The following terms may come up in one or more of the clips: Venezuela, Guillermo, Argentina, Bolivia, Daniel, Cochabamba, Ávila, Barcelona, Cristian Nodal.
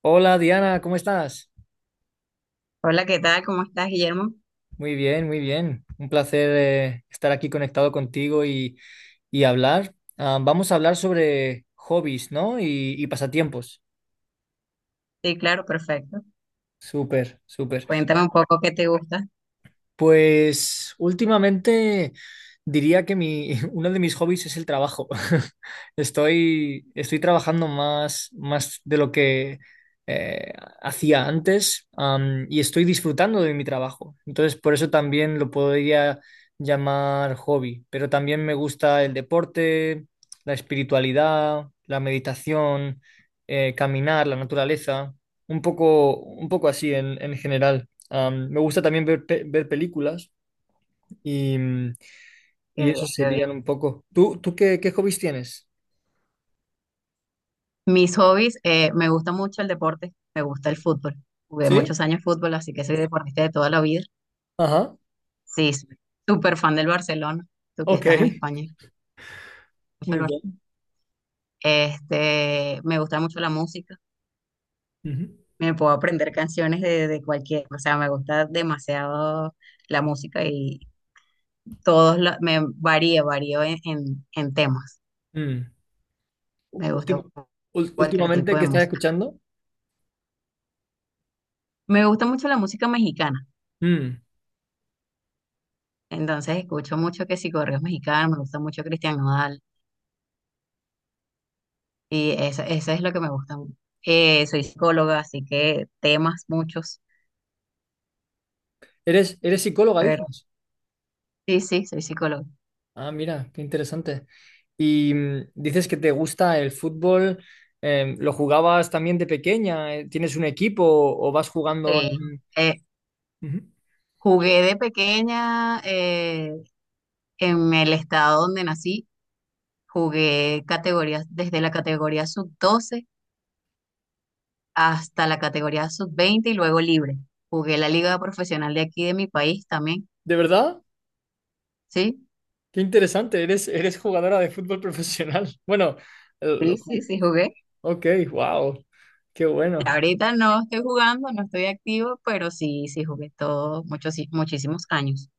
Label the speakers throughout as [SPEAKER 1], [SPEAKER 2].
[SPEAKER 1] Hola, Diana, ¿cómo estás?
[SPEAKER 2] Hola, ¿qué tal? ¿Cómo estás, Guillermo?
[SPEAKER 1] Muy bien, muy bien. Un placer estar aquí conectado contigo y hablar. Vamos a hablar sobre hobbies, ¿no? Y pasatiempos.
[SPEAKER 2] Sí, claro, perfecto.
[SPEAKER 1] Súper, súper.
[SPEAKER 2] Cuéntame un poco qué te gusta.
[SPEAKER 1] Pues últimamente diría que mi, uno de mis hobbies es el trabajo. Estoy trabajando más, más de lo que eh, hacía antes, y estoy disfrutando de mi trabajo. Entonces, por eso también lo podría llamar hobby. Pero también me gusta el deporte, la espiritualidad, la meditación, caminar, la naturaleza, un poco así en general. Me gusta también ver películas y, mm, y
[SPEAKER 2] Qué bien,
[SPEAKER 1] eso
[SPEAKER 2] qué bien.
[SPEAKER 1] serían un poco. Tú qué hobbies tienes?
[SPEAKER 2] Mis hobbies, me gusta mucho el deporte, me gusta el fútbol. Jugué
[SPEAKER 1] ¿Sí?
[SPEAKER 2] muchos años fútbol, así que soy deportista de toda la vida.
[SPEAKER 1] Ajá.
[SPEAKER 2] Sí, sí, súper fan del Barcelona, tú que
[SPEAKER 1] Ok.
[SPEAKER 2] estás en España. Mucho el
[SPEAKER 1] Muy bien.
[SPEAKER 2] Este, me gusta mucho la música,
[SPEAKER 1] Ujú.
[SPEAKER 2] me puedo aprender canciones de cualquier, o sea, me gusta demasiado la música y todos, me varía, varío en en temas.
[SPEAKER 1] Mm. U-
[SPEAKER 2] Me gusta
[SPEAKER 1] última-
[SPEAKER 2] cualquier tipo
[SPEAKER 1] últimamente,
[SPEAKER 2] de
[SPEAKER 1] ¿qué estás
[SPEAKER 2] música.
[SPEAKER 1] escuchando?
[SPEAKER 2] Me gusta mucho la música mexicana,
[SPEAKER 1] Mm.
[SPEAKER 2] entonces escucho mucho que si correos mexicanos, me gusta mucho Cristian Nodal y eso es lo que me gusta. Soy psicóloga, así que temas muchos,
[SPEAKER 1] ¿Eres, eres psicóloga,
[SPEAKER 2] pero
[SPEAKER 1] dices?
[SPEAKER 2] sí, sí, soy psicóloga.
[SPEAKER 1] Ah, mira, qué interesante. Y dices que te gusta el fútbol. Eh, ¿lo jugabas también de pequeña? ¿Tienes un equipo o vas jugando
[SPEAKER 2] Sí.
[SPEAKER 1] en...
[SPEAKER 2] Eh,
[SPEAKER 1] Ujú.
[SPEAKER 2] jugué de pequeña en el estado donde nací, jugué categorías desde la categoría sub doce hasta la categoría sub veinte y luego libre. Jugué la liga profesional de aquí de mi país también,
[SPEAKER 1] ¿De verdad?
[SPEAKER 2] ¿sí?
[SPEAKER 1] Qué interesante, eres, eres jugadora de fútbol profesional. Bueno, el- lo
[SPEAKER 2] Sí, sí,
[SPEAKER 1] ju-
[SPEAKER 2] sí, jugué.
[SPEAKER 1] ok, wow, qué bueno,
[SPEAKER 2] Ahorita no estoy jugando, no estoy activo, pero sí, sí jugué todos muchos, muchísimos años.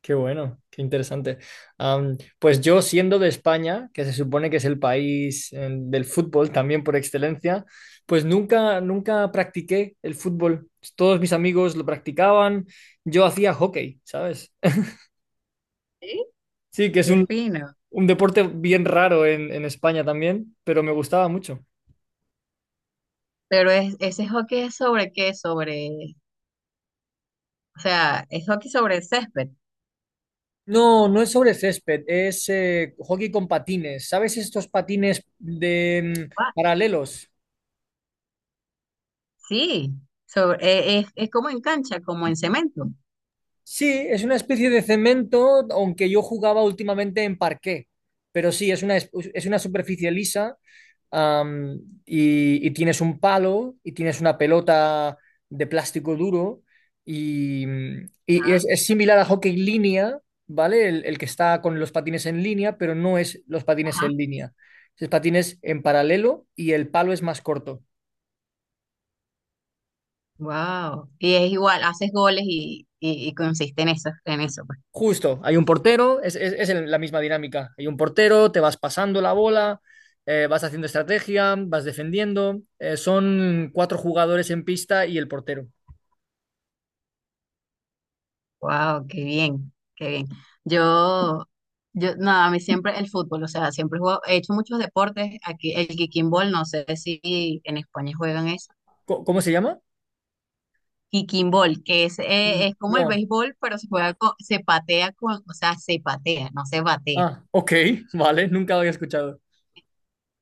[SPEAKER 1] qué bueno, qué interesante. Pues yo, siendo de España, que se supone que es el país del fútbol también por excelencia, pues nunca, nunca practiqué el fútbol. Todos mis amigos lo practicaban, yo hacía hockey, ¿sabes?
[SPEAKER 2] ¿Sí?
[SPEAKER 1] Sí, que es
[SPEAKER 2] Qué fino.
[SPEAKER 1] un deporte bien raro en España también, pero me gustaba mucho.
[SPEAKER 2] Pero es, ese hockey es sobre qué, sobre, o sea, ¿es hockey sobre césped?
[SPEAKER 1] No, no es sobre césped, es hockey con patines. ¿Sabes estos patines de
[SPEAKER 2] Ah,
[SPEAKER 1] paralelos?
[SPEAKER 2] sí, sobre, es como en cancha, como en cemento.
[SPEAKER 1] Sí, es una especie de cemento, aunque yo jugaba últimamente en parqué. Pero sí, es una, es una superficie lisa, y tienes un palo y tienes una pelota de plástico duro y, y es similar a hockey línea, ¿vale? El que está con los patines en línea, pero no es los patines
[SPEAKER 2] Ajá.
[SPEAKER 1] en línea. Es patines en paralelo y el palo es más corto.
[SPEAKER 2] Wow. Y es igual, haces goles y consiste en eso, en eso.
[SPEAKER 1] Justo, hay un portero, la misma dinámica. Hay un portero, te vas pasando la bola, vas haciendo estrategia, vas defendiendo. Son cuatro jugadores en pista y el portero.
[SPEAKER 2] Wow, qué bien, qué bien. Yo, yo, no, a mí siempre el fútbol, o sea, siempre he hecho muchos deportes. Aquí el kicking ball, no sé si en España juegan eso.
[SPEAKER 1] ¿Cómo se llama?
[SPEAKER 2] Kicking ball, que es como el
[SPEAKER 1] No.
[SPEAKER 2] béisbol, pero se juega con, se patea con, o sea, se patea, no se batea.
[SPEAKER 1] Ah, ok, vale, nunca lo había escuchado.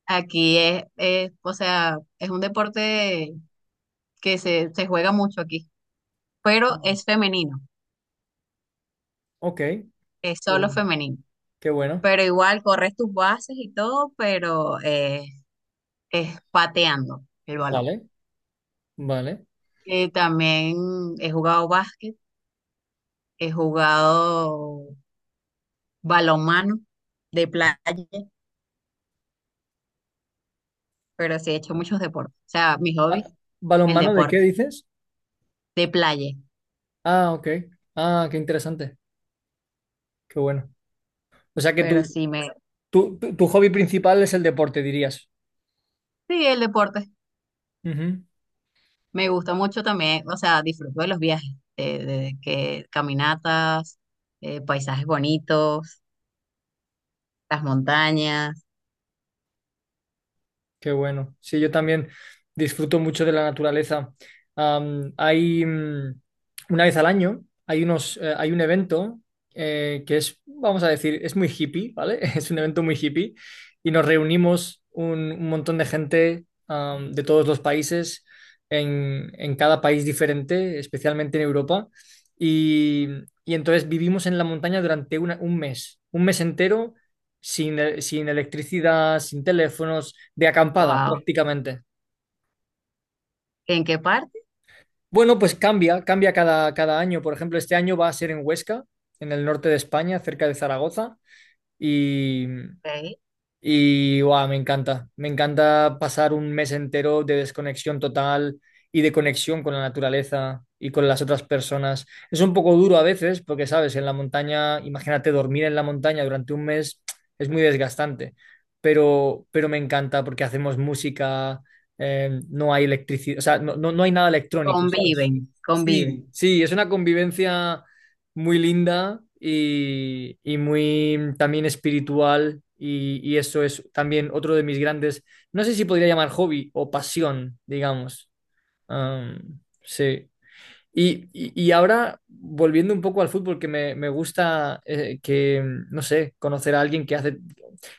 [SPEAKER 2] Aquí es, o sea, es un deporte se juega mucho aquí, pero es femenino,
[SPEAKER 1] Ok, qué
[SPEAKER 2] es solo
[SPEAKER 1] bueno,
[SPEAKER 2] femenino.
[SPEAKER 1] qué bueno.
[SPEAKER 2] Pero igual corres tus bases y todo, pero es pateando el balón.
[SPEAKER 1] Vale, vale.
[SPEAKER 2] También he jugado básquet, he jugado balonmano de playa, pero sí he hecho muchos deportes. O sea, mis
[SPEAKER 1] Ah,
[SPEAKER 2] hobbies, el
[SPEAKER 1] ¿balonmano de qué
[SPEAKER 2] deporte,
[SPEAKER 1] dices?
[SPEAKER 2] de playa,
[SPEAKER 1] Ah, ok. Ah, qué interesante, qué bueno. O sea que
[SPEAKER 2] pero sí me,
[SPEAKER 1] tu hobby principal es el deporte, dirías.
[SPEAKER 2] sí, el deporte.
[SPEAKER 1] Ujú.
[SPEAKER 2] Me gusta mucho también, o sea, disfruto de los viajes, de que caminatas, paisajes bonitos, las montañas,
[SPEAKER 1] Qué bueno. Sí, yo también disfruto mucho de la naturaleza. Hay una vez al año, hay hay un evento que es, vamos a decir, es muy hippie, ¿vale? Es un evento muy hippie y nos reunimos un montón de gente, de todos los países, en cada país diferente, especialmente en Europa. Y, y entonces vivimos en la montaña durante un mes entero sin, sin electricidad, sin teléfonos, de acampada
[SPEAKER 2] wow.
[SPEAKER 1] prácticamente.
[SPEAKER 2] ¿En qué parte?
[SPEAKER 1] Bueno, pues cambia, cambia cada, cada año. Por ejemplo, este año va a ser en Huesca, en el norte de España, cerca de Zaragoza.
[SPEAKER 2] Ok.
[SPEAKER 1] Y guau, me encanta pasar un mes entero de desconexión total y de conexión con la naturaleza y con las otras personas. Es un poco duro a veces porque, sabes, en la montaña, imagínate dormir en la montaña durante un mes, es muy desgastante, pero me encanta porque hacemos música, no hay electricidad, o sea, no, no, no hay nada electrónico, ¿sabes?
[SPEAKER 2] Conviven, conviven.
[SPEAKER 1] Sí, sí, es una convivencia muy linda y muy también espiritual y eso es también otro de mis grandes, no sé si podría llamar hobby o pasión, digamos. Sí. Y ahora, volviendo un poco al fútbol, que me gusta que, no sé, conocer a alguien que hace,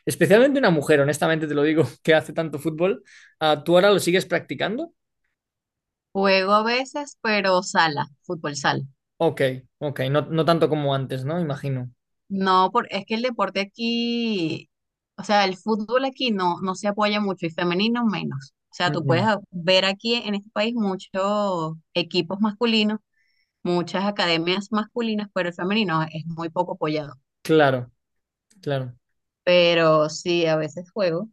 [SPEAKER 1] especialmente una mujer, honestamente te lo digo, que hace tanto fútbol. Ah, ¿tú ahora lo sigues practicando?
[SPEAKER 2] Juego a veces, pero sala, fútbol sala.
[SPEAKER 1] Ok, ok, no, no tanto como antes, ¿no? Imagino.
[SPEAKER 2] No, por, es que el deporte aquí, o sea, el fútbol aquí no, no se apoya mucho y femenino menos. O sea, tú puedes
[SPEAKER 1] Ujú.
[SPEAKER 2] ver aquí en este país muchos equipos masculinos, muchas academias masculinas, pero el femenino es muy poco apoyado.
[SPEAKER 1] Claro, claro,
[SPEAKER 2] Pero sí, a veces juego.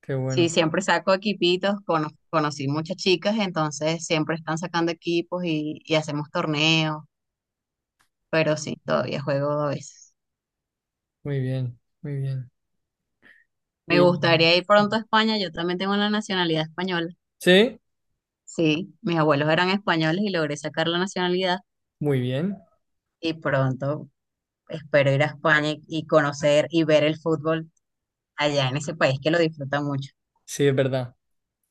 [SPEAKER 1] qué
[SPEAKER 2] Sí,
[SPEAKER 1] bueno.
[SPEAKER 2] siempre saco equipitos, conocí muchas chicas, entonces siempre están sacando equipos y hacemos torneos, pero sí, todavía juego a veces.
[SPEAKER 1] Muy bien, muy bien.
[SPEAKER 2] Me
[SPEAKER 1] Y
[SPEAKER 2] gustaría ir pronto a España, yo también tengo la nacionalidad española.
[SPEAKER 1] sí,
[SPEAKER 2] Sí, mis abuelos eran españoles y logré sacar la nacionalidad
[SPEAKER 1] muy bien.
[SPEAKER 2] y pronto espero ir a España y conocer y ver el fútbol allá en ese país que lo disfruta mucho.
[SPEAKER 1] Sí, es verdad.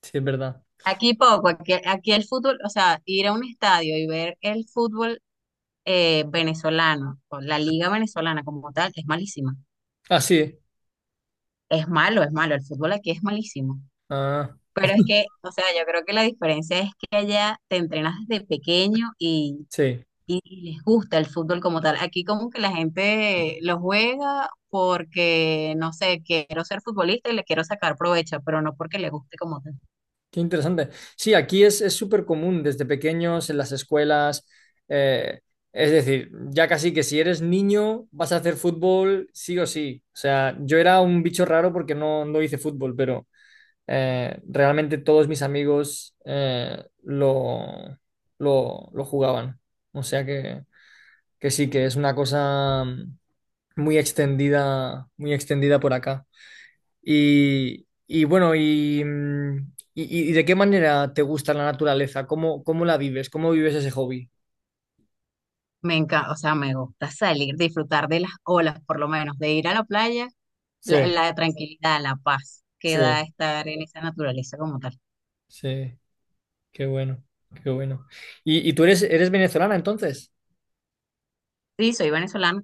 [SPEAKER 1] Sí, es verdad.
[SPEAKER 2] Aquí poco, aquí, aquí el fútbol, o sea, ir a un estadio y ver el fútbol venezolano, o la liga venezolana como tal, es malísima.
[SPEAKER 1] Ah, sí.
[SPEAKER 2] Es malo, el fútbol aquí es malísimo.
[SPEAKER 1] Ah,
[SPEAKER 2] Pero es que, o sea, yo creo que la diferencia es que allá te entrenas desde pequeño y
[SPEAKER 1] sí.
[SPEAKER 2] y les gusta el fútbol como tal. Aquí como que la gente lo juega porque, no sé, quiero ser futbolista y le quiero sacar provecho, pero no porque le guste como tal.
[SPEAKER 1] Qué interesante. Sí, aquí es súper común desde pequeños en las escuelas. Eh, es decir, ya casi que si eres niño vas a hacer fútbol sí o sí. O sea, yo era un bicho raro porque no, no hice fútbol, pero realmente todos mis amigos lo jugaban. O sea que sí, que es una cosa muy extendida por acá. Y bueno, y, y de qué manera te gusta la naturaleza? ¿Cómo, cómo la vives? ¿Cómo vives ese hobby?
[SPEAKER 2] Me encanta, o sea, me gusta salir, disfrutar de las olas, por lo menos, de ir a la playa,
[SPEAKER 1] Sí,
[SPEAKER 2] la tranquilidad, la paz que
[SPEAKER 1] sí,
[SPEAKER 2] da estar en esa naturaleza como tal.
[SPEAKER 1] sí, qué bueno, qué bueno. Y tú eres, eres venezolana entonces?
[SPEAKER 2] Sí, soy venezolana.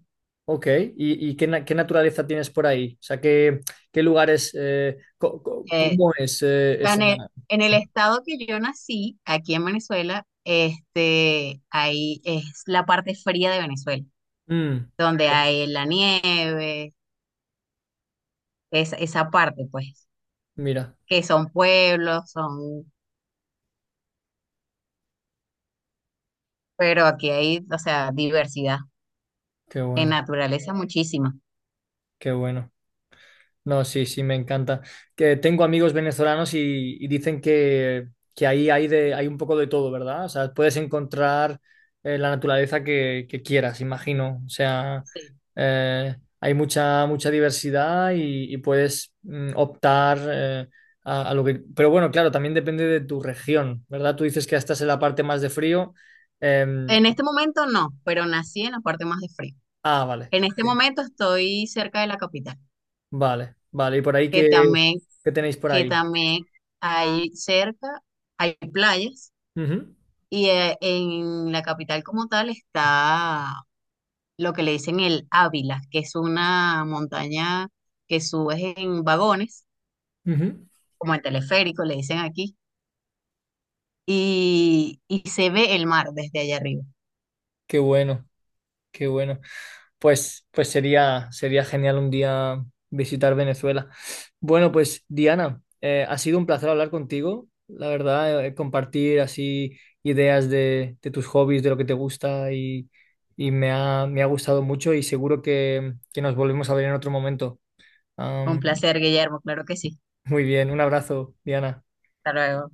[SPEAKER 1] Ok, y qué naturaleza tienes por ahí? O sea, ¿qué, qué lugares,
[SPEAKER 2] Eh,
[SPEAKER 1] cómo es
[SPEAKER 2] en
[SPEAKER 1] esa...
[SPEAKER 2] el, en el estado que yo nací, aquí en Venezuela, este, ahí es la parte fría de Venezuela
[SPEAKER 1] Mm,
[SPEAKER 2] donde
[SPEAKER 1] ok,
[SPEAKER 2] hay la nieve, es, esa parte, pues,
[SPEAKER 1] mira,
[SPEAKER 2] que son pueblos, son, pero aquí hay, o sea, diversidad
[SPEAKER 1] qué
[SPEAKER 2] en
[SPEAKER 1] bueno,
[SPEAKER 2] naturaleza muchísima.
[SPEAKER 1] qué bueno. No, sí, sí, me encanta. Que tengo amigos venezolanos y dicen que ahí hay, de, hay un poco de todo, ¿verdad? O sea, puedes encontrar la naturaleza que quieras, imagino. O sea,
[SPEAKER 2] Sí.
[SPEAKER 1] hay mucha, mucha diversidad y puedes optar a lo que... Pero bueno, claro, también depende de tu región, ¿verdad? Tú dices que estás en la parte más de frío. Em,
[SPEAKER 2] En este momento no, pero nací en la parte más de frío.
[SPEAKER 1] ah, vale.
[SPEAKER 2] En este
[SPEAKER 1] Ok.
[SPEAKER 2] momento estoy cerca de la capital,
[SPEAKER 1] Vale, vale. ¿Y por ahí
[SPEAKER 2] que
[SPEAKER 1] qué,
[SPEAKER 2] también,
[SPEAKER 1] qué tenéis por
[SPEAKER 2] que
[SPEAKER 1] ahí?
[SPEAKER 2] también hay cerca, hay playas,
[SPEAKER 1] Ujú,
[SPEAKER 2] y en la capital como tal está lo que le dicen el Ávila, que es una montaña que subes en vagones,
[SPEAKER 1] ujú.
[SPEAKER 2] como el teleférico, le dicen aquí, y se ve el mar desde allá arriba.
[SPEAKER 1] Qué bueno. Qué bueno. Pues, pues sería, sería genial un día visitar Venezuela. Bueno, pues Diana, ha sido un placer hablar contigo. La verdad, compartir así ideas de tus hobbies, de lo que te gusta y me ha gustado mucho y seguro que nos volvemos a ver en otro momento.
[SPEAKER 2] Un
[SPEAKER 1] Am,
[SPEAKER 2] placer, Guillermo, claro que sí.
[SPEAKER 1] muy bien, un abrazo, Diana.
[SPEAKER 2] Hasta luego.